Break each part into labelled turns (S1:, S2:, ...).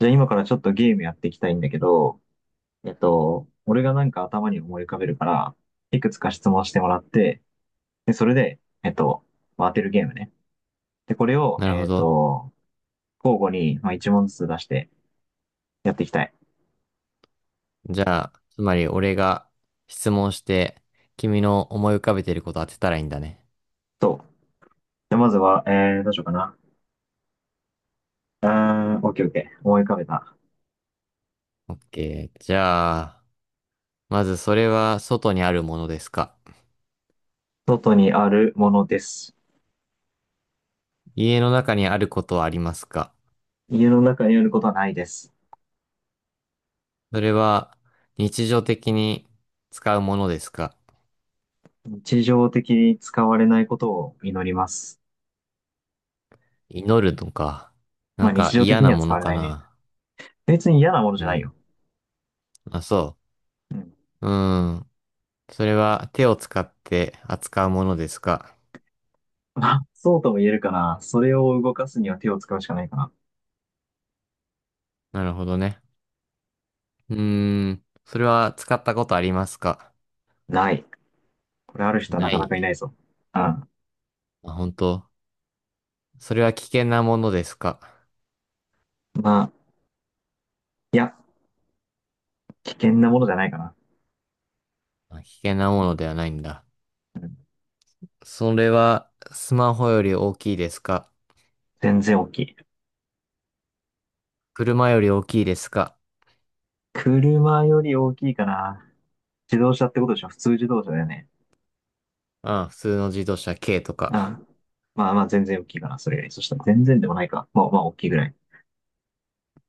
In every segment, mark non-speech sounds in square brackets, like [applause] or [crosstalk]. S1: じゃあ今からちょっとゲームやっていきたいんだけど、俺がなんか頭に思い浮かべるから、いくつか質問してもらって、で、それで、まあ当てるゲームね。で、これを、
S2: なるほど。
S1: 交互に、まあ、一問ずつ出してやっていきたい。
S2: じゃあ、つまり俺が質問して、君の思い浮かべてること当てたらいいんだね。
S1: と、で、まずは、どうしようかな。オッケーオッケー。思い浮かべた。
S2: オッケー。じゃあ、まずそれは外にあるものですか？
S1: 外にあるものです。
S2: 家の中にあることはありますか？
S1: 家の中にあることはないです。
S2: それは日常的に使うものですか？
S1: 日常的に使われないことを祈ります。
S2: 祈るのか？な
S1: まあ
S2: ん
S1: 日
S2: か
S1: 常的
S2: 嫌
S1: に
S2: な
S1: は
S2: も
S1: 使
S2: の
S1: われ
S2: か
S1: ないね。
S2: な？
S1: 別に嫌なものじ
S2: う
S1: ゃないよ。
S2: ん。あ、そ
S1: うん。
S2: う。うーん。それは手を使って扱うものですか？
S1: [laughs] まあ、そうとも言えるかな。それを動かすには手を使うしかないかな。
S2: なるほどね。うーん。それは使ったことありますか？
S1: ない。これある人はな
S2: な
S1: かな
S2: い。
S1: かいないぞ。うん。
S2: あ、本当。それは危険なものですか？
S1: まあ、いや、危険なものじゃないかな。
S2: あ、危険なものではないんだ。
S1: うん。
S2: それはスマホより大きいですか？
S1: 全然大きい。
S2: 車より大きいですか？
S1: 車より大きいかな。自動車ってことでしょ？普通自動車だよね。
S2: あ、普通の自動車軽と
S1: うん。
S2: か。
S1: まあまあ、全然大きいかな。それより。そしたら全然でもないか。まあまあ、大きいぐらい。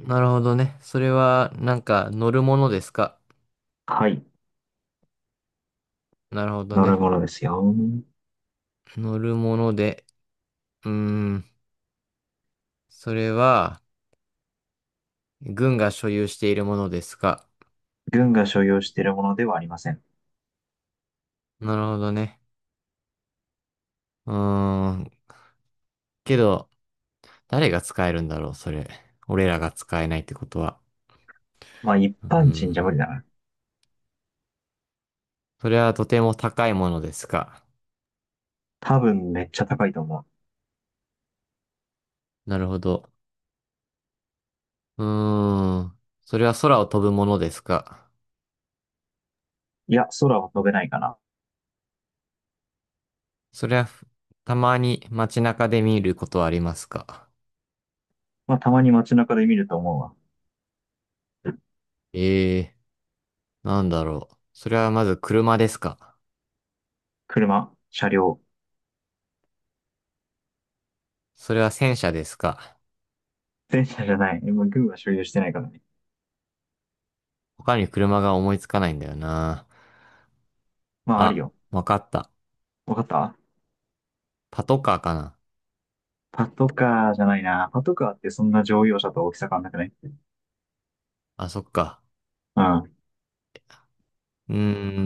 S2: なるほどね。それはなんか乗るものですか？
S1: はい。
S2: なるほど
S1: 乗る
S2: ね。
S1: ものですよ。
S2: 乗るもので、うーん。それは軍が所有しているものですか？
S1: 軍が所有しているものではありません。
S2: なるほどね。うーん。けど、誰が使えるんだろう、それ。俺らが使えないってことは。
S1: まあ、一
S2: うー
S1: 般人じゃ無理
S2: ん。
S1: だな。
S2: それはとても高いものですか。
S1: 多分めっちゃ高いと思う。
S2: なるほど。うーん。それは空を飛ぶものですか。
S1: いや、空は飛べないかな。
S2: それはたまに街中で見ることはありますか。
S1: まあ、たまに街中で見ると思うわ。
S2: ええー、なんだろう。それはまず車ですか。
S1: 車、車両、
S2: それは戦車ですか。
S1: 電車じゃない。まあ、軍は所有してないからね。
S2: 他に車が思いつかないんだよな。
S1: まあ、ある
S2: あ、
S1: よ。
S2: わかった。
S1: わかった。
S2: パトカーかな。
S1: パトカーじゃないな。パトカーってそんな乗用車と大きさ変わんなくない？
S2: あ、そっか。
S1: うん。
S2: うー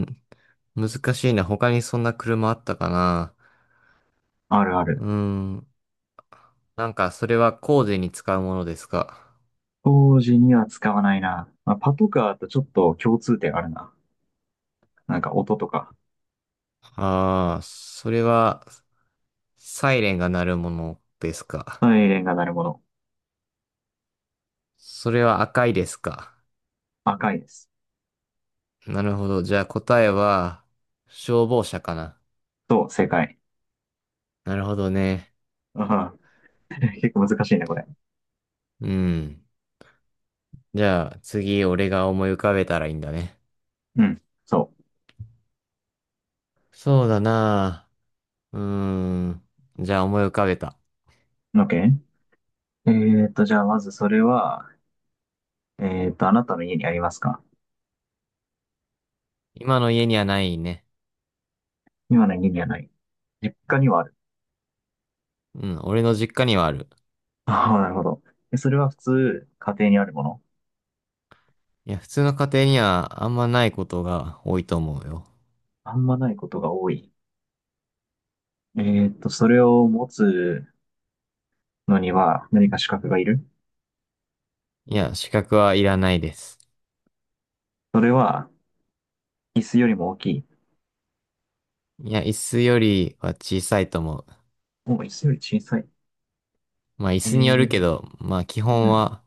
S2: ん。難しいな。他にそんな車あったかな。
S1: あるあ
S2: うー
S1: る。
S2: ん。なんか、それは工事に使うものですか？
S1: 当時には使わないな。まあ、パトカーとちょっと共通点あるな。なんか音とか。
S2: それは、サイレンが鳴るものですか？
S1: サイレンが鳴るもの。
S2: それは赤いですか？
S1: 赤いです。
S2: なるほど。じゃあ答えは、消防車かな。
S1: そう、正解。
S2: なるほどね。
S1: ああ、[laughs] 結構難しいね、これ。
S2: うん。じゃあ、次、俺が思い浮かべたらいいんだね。
S1: うん。そ
S2: そうだなあ。うーん。じゃあ、思い浮かべた。
S1: う。OK？ じゃあまずそれは、あなたの家にありますか？
S2: 今の家にはないね。
S1: 今の家にはない。実家にはある。
S2: うん、俺の実家にはある。
S1: [laughs] ああ、なるほど。でそれは普通、家庭にあるもの？
S2: いや、普通の家庭にはあんまないことが多いと思うよ。
S1: あんまないことが多い。えそれを持つのには何か資格がいる？
S2: いや、資格はいらないです。
S1: それは、椅子よりも大きい？
S2: いや、椅子よりは小さいと思う。
S1: もう椅子より小さい。
S2: まあ、椅
S1: え
S2: 子によるけ
S1: ー、
S2: ど、まあ、基
S1: う
S2: 本
S1: ん。
S2: は。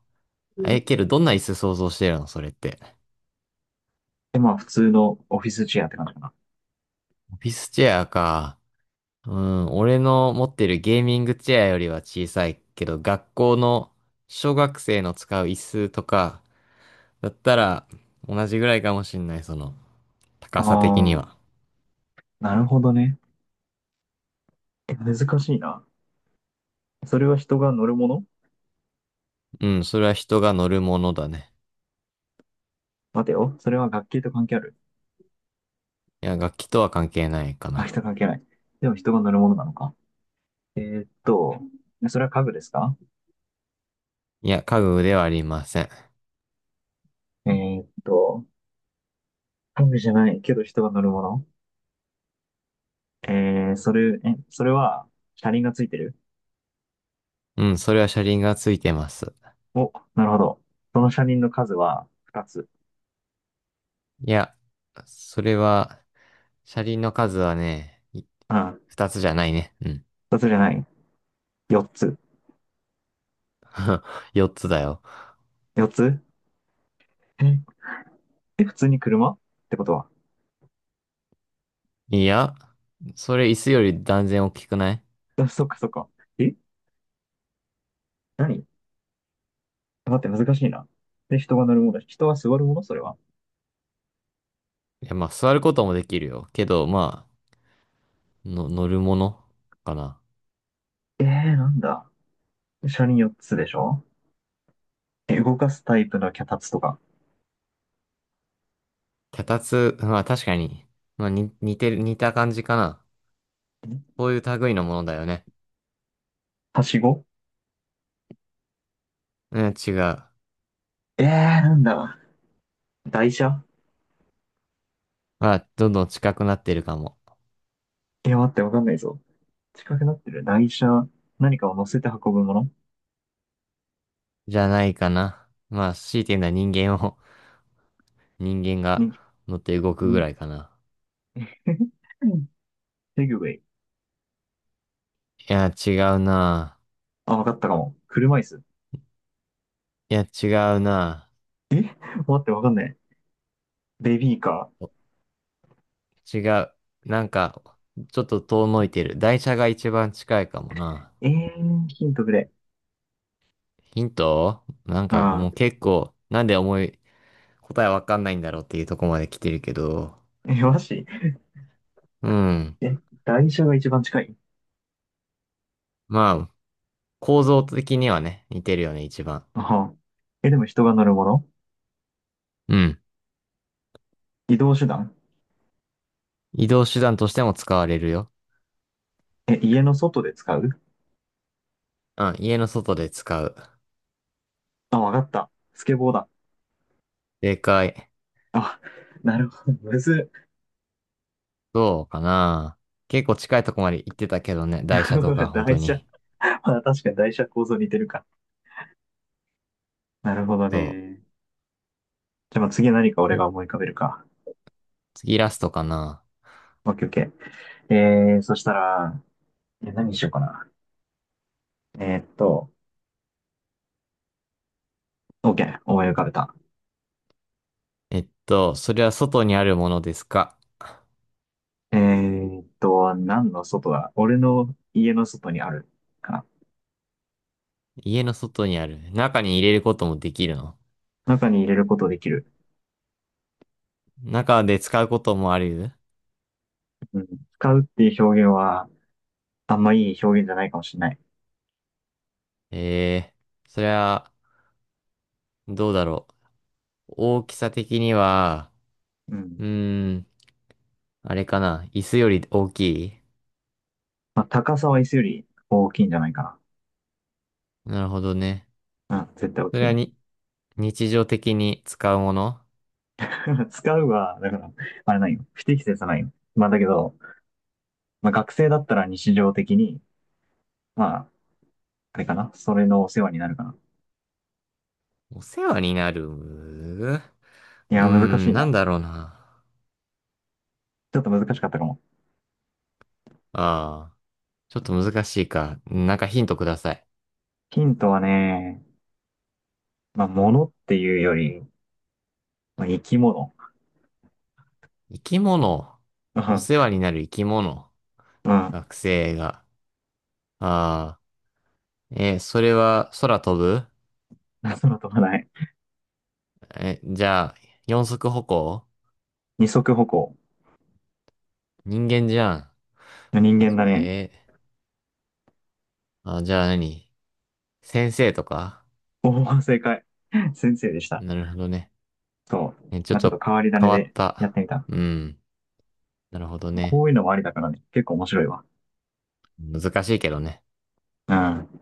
S2: え、けど、どんな椅子想像してるのそれって。
S1: で、まあ、普通のオフィスチェアって感じかな。
S2: オフィスチェアか。うん、俺の持ってるゲーミングチェアよりは小さいけど、学校の小学生の使う椅子とか、だったら同じぐらいかもしんない、その、
S1: あ
S2: 高さ的に
S1: あ、
S2: は。
S1: なるほどね。難しいな。それは人が乗るもの？
S2: うん、それは人が乗るものだね。
S1: 待てよ。それは学級と関係ある？
S2: いや、楽器とは関係ないか
S1: あ、
S2: な。
S1: 人関係ない。でも人が乗るものなのか。えーっと、それは家具ですか？
S2: いや、家具ではありません。
S1: えーっと、装備じゃないけど人が乗るもの？それは車輪がついてる？
S2: うん、それは車輪がついてます。
S1: お、なるほど。その車輪の数は？2つ。
S2: いや、それは、車輪の数はね、
S1: うん。
S2: 二つじゃないね。うん。
S1: 2つじゃない。4つ。
S2: [laughs] 四つだよ。
S1: 4つ？え、普通に車ってことは。
S2: いや、それ椅子より断然大きくない？
S1: あ、そっかそっか。え何？待って、難しいな。で、人が乗るもの、人は座るもの、それは。
S2: いや、まあ、座ることもできるよ。けど、まあ、乗るものかな。
S1: えー、なんだ。車輪4つでしょ？動かすタイプの脚立とか。
S2: 脚立、まあ確かに、まあ似てる、似た感じかな。
S1: ん
S2: こういう類のものだよね。
S1: はしご？
S2: うん、違う。
S1: なんだ。台車？
S2: まあ、どんどん近くなってるかも。
S1: いや、待って、わかんないぞ。近くなってる。台車、何かを乗せて運ぶもの
S2: じゃないかな。まあ、強いて言うのは人間を、[laughs] 人間が
S1: に、
S2: 乗って動くぐら
S1: に
S2: いかな。
S1: [laughs] セグウェイ？
S2: いや、違うな。
S1: [laughs]。あ、わかったかも。車椅子。
S2: いや、違うな。
S1: 待って、わかんない。ベビーカ
S2: お。違う。なんか、ちょっと遠のいてる。台車が一番近いかもな。
S1: ー。ヒントくれ。
S2: ヒントなんか
S1: あ
S2: もう
S1: ー
S2: 結構、なんで思い、答えわかんないんだろうっていうとこまで来てるけど。
S1: え、マジ？
S2: うん。
S1: え、台車が一番近い？
S2: まあ、構造的にはね、似てるよね、一番。
S1: あは。でも人が乗るもの？
S2: うん。
S1: 移動手段？
S2: 移動手段としても使われるよ。
S1: 家の外で使う？
S2: うん、家の外で使う。
S1: あ、わかった。スケボーだ。
S2: 正解。
S1: あ、なるほど。むず
S2: そうかな。結構近いとこまで行ってたけどね、
S1: っ。
S2: 台車とか、
S1: [laughs]
S2: 本当
S1: 台車。
S2: に。
S1: まあ、確かに台車構造似てるか。なるほど
S2: そ
S1: ね。じゃあ、まあ次何か俺
S2: う。
S1: が思い浮かべるか。
S2: 次ラストかな。
S1: オッケーオッケー。そしたら、何にしようかな。えーっと、OK、思い浮かべた。
S2: えっと、それは外にあるものですか？
S1: 何の外だ？俺の家の外にあるか
S2: 家の外にある。中に入れることもできるの？
S1: な。中に入れることできる。
S2: 中で使うこともある？
S1: うん、使うっていう表現は、あんまいい表現じゃないかもしれない。
S2: えそれは、どうだろう。大きさ的には、
S1: うん。
S2: うーん、あれかな。椅子より大きい？
S1: まあ、高さは椅子より大きいんじゃないか
S2: なるほどね。
S1: な。うん、絶対大
S2: そ
S1: き
S2: れ
S1: い
S2: は
S1: ね。
S2: 日常的に使うもの？
S1: [laughs] 使うは、だから、あれないよ。不適切はないよ。まあだけど、まあ学生だったら日常的に、まあ、あれかな。それのお世話になるかな。
S2: お世話になる？う
S1: い
S2: ー
S1: や、難し
S2: ん、
S1: い
S2: なん
S1: な。
S2: だろうな。
S1: ちょっと難しかったかも。
S2: ああ、ちょっと難しいか。なんかヒントください。
S1: ヒントはね、まあ、物っていうより、まあ、生き物。
S2: 生き物。お世
S1: [laughs]
S2: 話になる生き物。
S1: うん、うん。
S2: 学生が。ああ、それは空飛ぶ？
S1: 空飛ばない。
S2: え、じゃあ、四足歩行？
S1: 二足歩行。
S2: 人間じゃん。
S1: 人
S2: え、
S1: 間だね。
S2: えーじゃあ何？先生とか？
S1: おお、正解。先生でした。
S2: なるほどね。
S1: そう。
S2: え、ちょ
S1: ま
S2: っ
S1: あ、ちょっと
S2: と
S1: 変わり種
S2: 変わっ
S1: でやって
S2: た。
S1: みた。
S2: うん。なるほどね。
S1: こういうのもありだからね。結構面白いわ。
S2: 難しいけどね。
S1: うん。